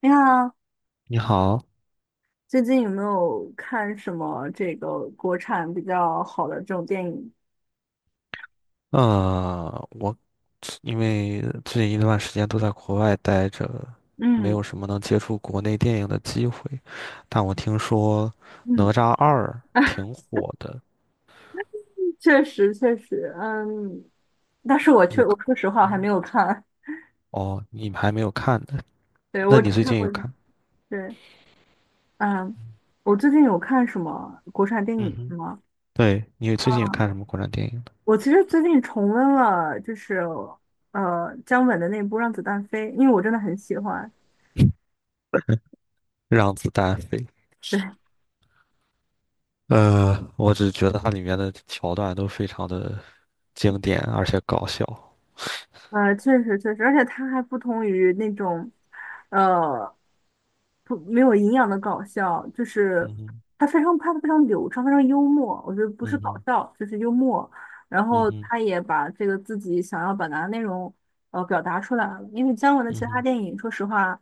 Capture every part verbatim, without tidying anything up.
你好，你好，最近有没有看什么这个国产比较好的这种电影？呃，我因为最近一段时间都在国外待着，没嗯有什么能接触国内电影的机会，但我听说《哪嗯，吒二》挺火的，确实确实，嗯，但是我你确有看？我说实话我还没嗯有看。哦，你还没有看呢？对，那我只你最看近有过一。看？对，嗯，我最近有看什么国产电嗯影哼，吗？对，你最近有啊，看什么国产电影呢我其实最近重温了，就是呃姜文的那部《让子弹飞》，因为我真的很喜欢。让子弹飞》。对呃，我只觉得它里面的桥段都非常的经典，而且搞笑。呃，确实确实，而且他还不同于那种，呃，不没有营养的搞笑，就是嗯哼，他非常拍的非常流畅，非常幽默。我觉得不嗯是搞哼，笑，就是幽默。然嗯后哼，他也把这个自己想要表达的内容，呃，表达出来了。因为姜文的嗯其他哼。电影，说实话，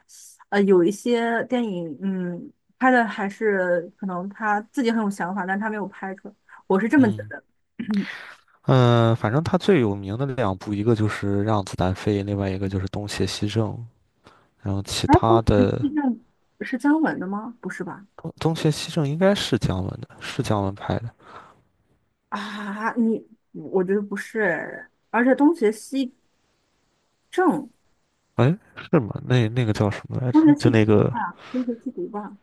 呃，有一些电影，嗯，拍的还是可能他自己很有想法，但他没有拍出来。我是这么觉嗯，得。呃，反正他最有名的两部，一个就是《让子弹飞》，另外一个就是《东邪西正》。然后其哎，当他时的地震是姜文的吗？不是吧？哦东邪西正》应该是姜文的，是姜文拍的。啊，你嗯我觉得不是，而且东邪西正，哎，是吗？那那个叫什么来东邪着？就西毒那个吧，东邪西毒吧，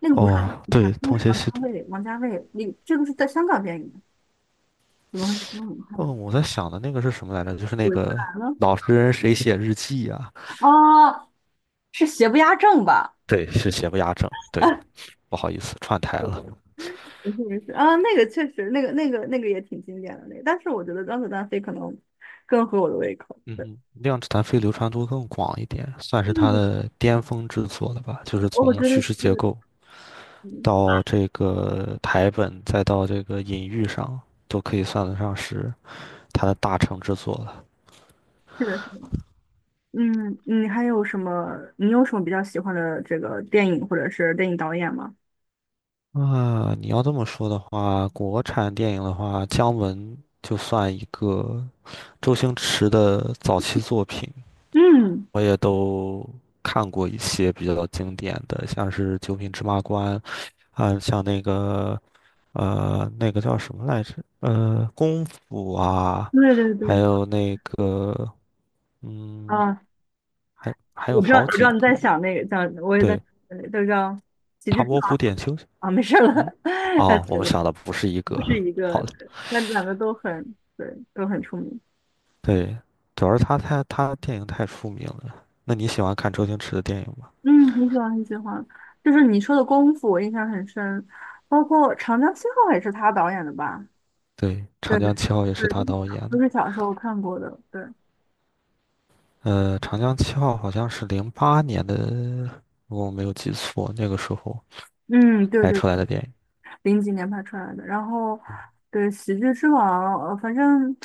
那个不是哦，神探，对，那个《东是邪王家西毒》。卫，王家卫，你这个是在香港电影，怎么会是中文看哦，的？我在想的那个是什么来着？就是那鬼子个来了。老实人谁写日记呀、哦，是邪不压正吧？对，是邪不压正。啊，对，不好意思，串台了。不是不是啊，那个确实，那个那个那个也挺经典的那个，但是我觉得《让子弹飞》可能更合我的胃口。嗯对。哼，《量子弹飞》流传度更广一点，算 就是他是的巅峰之作了吧？就是我从觉得叙事结是，构。嗯。到这个台本，再到这个隐喻上，都可以算得上是他的大成之作了。嗯，你还有什么？你有什么比较喜欢的这个电影或者是电影导演吗？啊，你要这么说的话，国产电影的话，姜文就算一个周星驰的早期作品，嗯，我也都看过一些比较经典的，像是《九品芝麻官》啊，像那个呃，那个叫什么来着？呃，功夫啊，对对还对，有那个嗯。啊，还还有我知道，好我知几道你个，在想那个，想我也在，对，呃都叫喜剧唐之伯虎王点秋香，啊。没事了。嗯，呃哦，我对们对。想的不是一不个，是一好个，了，对那两个都很，对，都很出名。对，主要是他太他电影太出名了。那你喜欢看周星驰的电影吗？嗯，很喜欢，很喜欢。就是你说的《功夫》，我印象很深，包括《长江七号》也是他导演的吧？对，《长对，对，江七号》也是他都是导演小都的。是小时候看过的。对，呃，《长江七号》好像是零八年的，如果我没有记错，那个时候嗯，对拍对。出来的电影。零几年拍出来的。然后对《喜剧之王》，呃，反正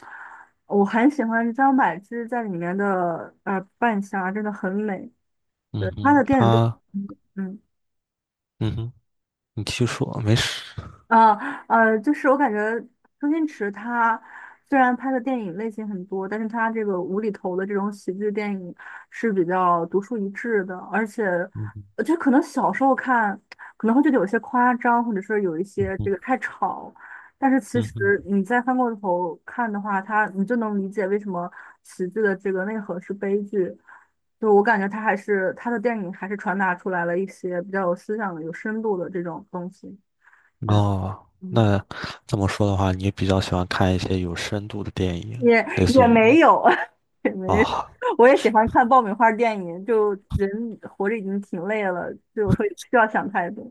我很喜欢张柏芝在里面的呃扮相啊，真的很美。嗯对，她的哼，电影都，他，嗯。嗯嗯哼，你继续说，没事。啊，呃，就是我感觉周星驰他虽然拍的电影类型很多，但是他这个无厘头的这种喜剧电影是比较独树一帜的，而且嗯哼，呃就可能小时候看可能会觉得有些夸张，或者是有一嗯些这哼，个太吵，但是其嗯哼。实你再翻过头看的话，他你就能理解为什么喜剧的这个内核是悲剧。就我感觉他还是他的电影还是传达出来了一些比较有思想的、有深度的这种东西。哦，嗯。那这么说的话，你比较喜欢看一些有深度的电影，也类似也于没有，也没有，哦，我也喜欢看爆米花电影。就人活着已经挺累了，就会不需要想太多。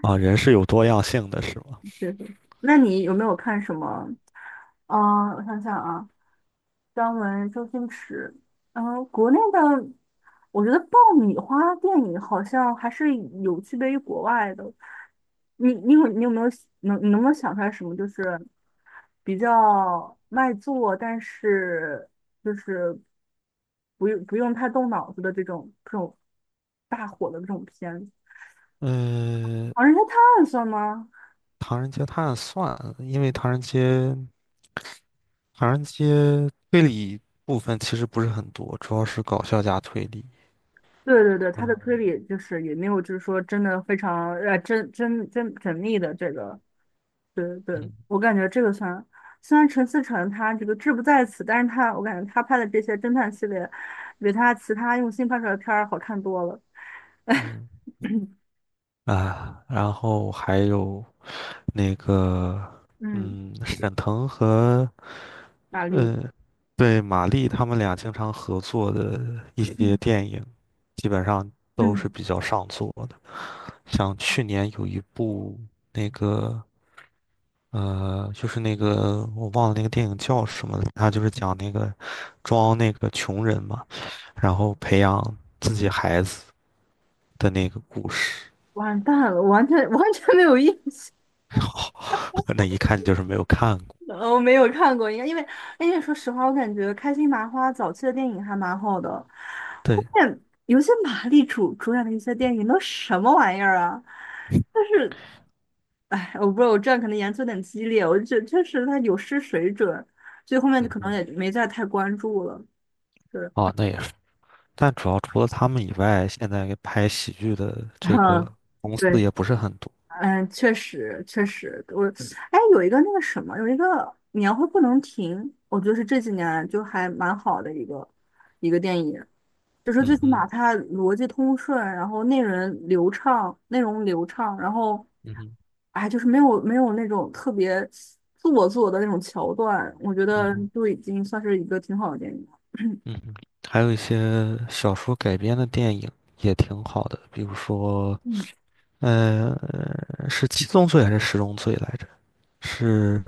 啊，人是有多样性的，是吗？确实。那你有没有看什么？嗯、我想想啊，张文、周星驰，然后国内的，我觉得爆米花电影好像还是有区别于国外的。你你有你有没有能你能不能想出来什么就是比较卖座，但是就是不用不用太动脑子的这种这种大火的这种片子？呃，《狼人杀探案算》吗？《唐人街探案》算，因为《唐人街》《唐人街》推理部分其实不是很多，主要是搞笑加推理。对对对，他的推嗯理就是也没有，就是说真的非常呃，真真真缜密的这个。对对，嗯我感觉这个算。虽然陈思诚他这个志不在此，但是他我感觉他拍的这些侦探系列，比他其他用心拍出来的片儿好看多了。嗯啊，然后还有那个嗯，嗯，沈腾和玛丽，呃，对，马丽他们俩经常合作的一些嗯电影，基本上都是嗯，比较上座的。像去年有一部那个呃，就是那个我忘了那个电影叫什么了，他就是讲那个装那个穷人嘛，然后培养自己孩子的那个故事，完蛋了，完全 完全没有印象。那一看就是没有看过。呃我没有看过，应该因为因为说实话，我感觉开心麻花早期的电影还蛮好的，后对，面有些马丽主主演的一些电影都什么玩意儿啊？哎，我不知道，我这样可能言辞有点激烈，我就觉得确实他有失水准，所以后面就嗯可能嗯，也没再太关注了。对。 哦，那也是。但主要除了他们以外，现在拍喜剧的 这嗯，个公司对，也不是很多。嗯，确实确实，我哎，有一个那个什么，有一个年会不能停，我觉得是这几年就还蛮好的一个一个电影。就是最嗯起哼，码它逻辑通顺，然后内容流畅，内容流畅，然后，嗯哼，哎，就是没有没有那种特别做作的那种桥段，我觉嗯得哼，就已经算是一个挺好的电影了。嗯哼，还有一些小说改编的电影也挺好的，比如说，嗯呃，是七宗罪还是十宗罪来着？是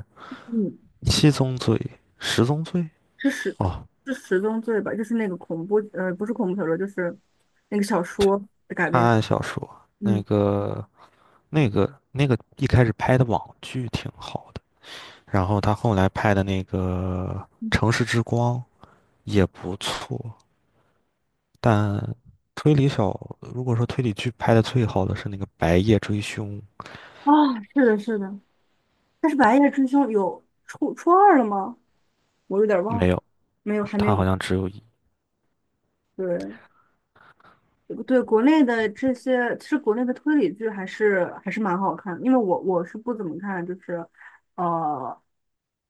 嗯，七宗罪、十宗罪？是十哦，是十宗罪吧？就是那个恐怖，呃，不是恐怖小说，就是那个小说的改探编。案小说，那嗯，个、那个、那个一开始拍的网剧挺好的，然后他后来拍的那个嗯，《城市之光》也不错，但推理小，如果说推理剧拍的最好的是那个《白夜追凶》，啊，是的，是的。但是《白夜追凶》有初初二了吗？我有点忘没了，有，没有，还没它好有。像只有一。对。对国内的这些，其实国内的推理剧还是还是蛮好看的，因为我我是不怎么看，就是呃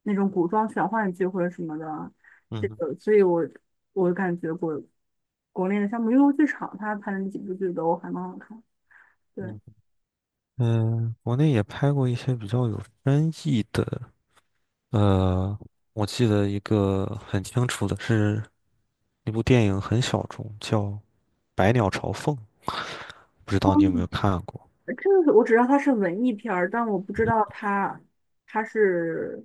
那种古装玄幻剧或者什么的，这嗯哼个，所以我我感觉国国内的像《木有剧场》，它拍的那几部剧都还蛮好看。对。嗯哼嗯，国内也拍过一些比较有深意的，呃，我记得一个很清楚的是那部电影很小众，叫《百鸟朝凤》，不知道你有没有看过这个是我只知道它是文艺片儿，但我不知道它它是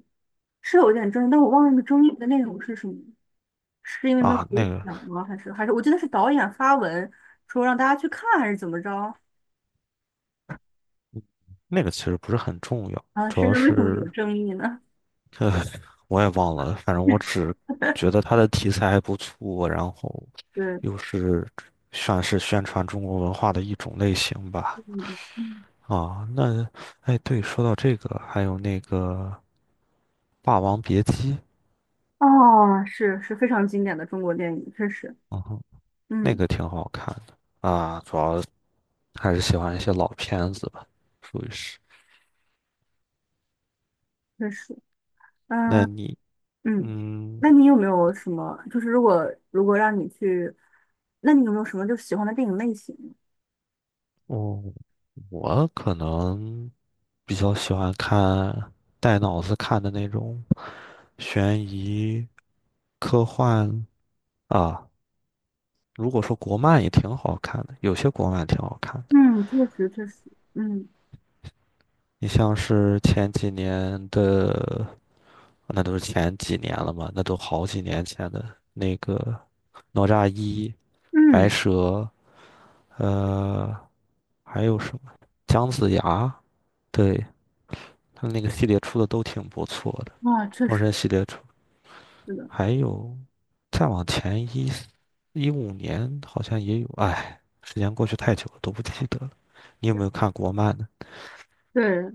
是有点争议，但我忘了那个争议的内容是什么，是因为没有啊？得那个奖吗？还是还是我记得是导演发文说让大家去看，还是怎么着？那个其实不是很重要，啊，主是要为什么是。有争议呢？我也忘了，反正我 只觉得它的题材还不错，然后对，又是算是宣传中国文化的一种类型吧。嗯嗯，啊，那，哎，对，说到这个，还有那个《霸王别姬》，哦，是是非常经典的中国电影，确实，嗯哼那嗯，个挺好看的啊，主要还是喜欢一些老片子吧，属于是。确实，那嗯你，嗯，嗯。那你有没有什么，就是如果如果让你去，那你有没有什么就喜欢的电影类型？哦，我可能比较喜欢看带脑子看的那种悬疑、科幻啊。如果说国漫也挺好看的，有些国漫挺好看的。嗯，确实确实，嗯你像是前几年的，那都是前几年了嘛，那都好几年前的那个《哪吒一》、《白嗯，蛇》，呃，还有什么《姜子牙》？对，他那个系列出的都挺不错的，啊，确实《封神》系列出，是的，还有再往前一一五年好像也有，哎，时间过去太久了，都不记得了。你有没有看国漫呢？对，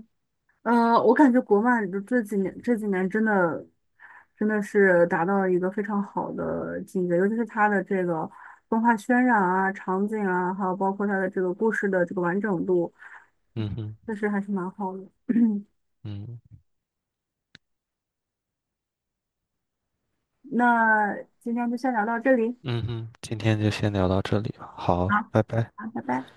呃，我感觉国漫就这几年这几年真的真的是达到了一个非常好的境界，尤其是它的这个动画渲染啊、场景啊，还有包括它的这个故事的这个完整度，嗯哼，确实还是蛮好的。嗯那今天就先聊到这里，嗯哼，今天就先聊到这里吧，好，好，拜拜。好，拜拜。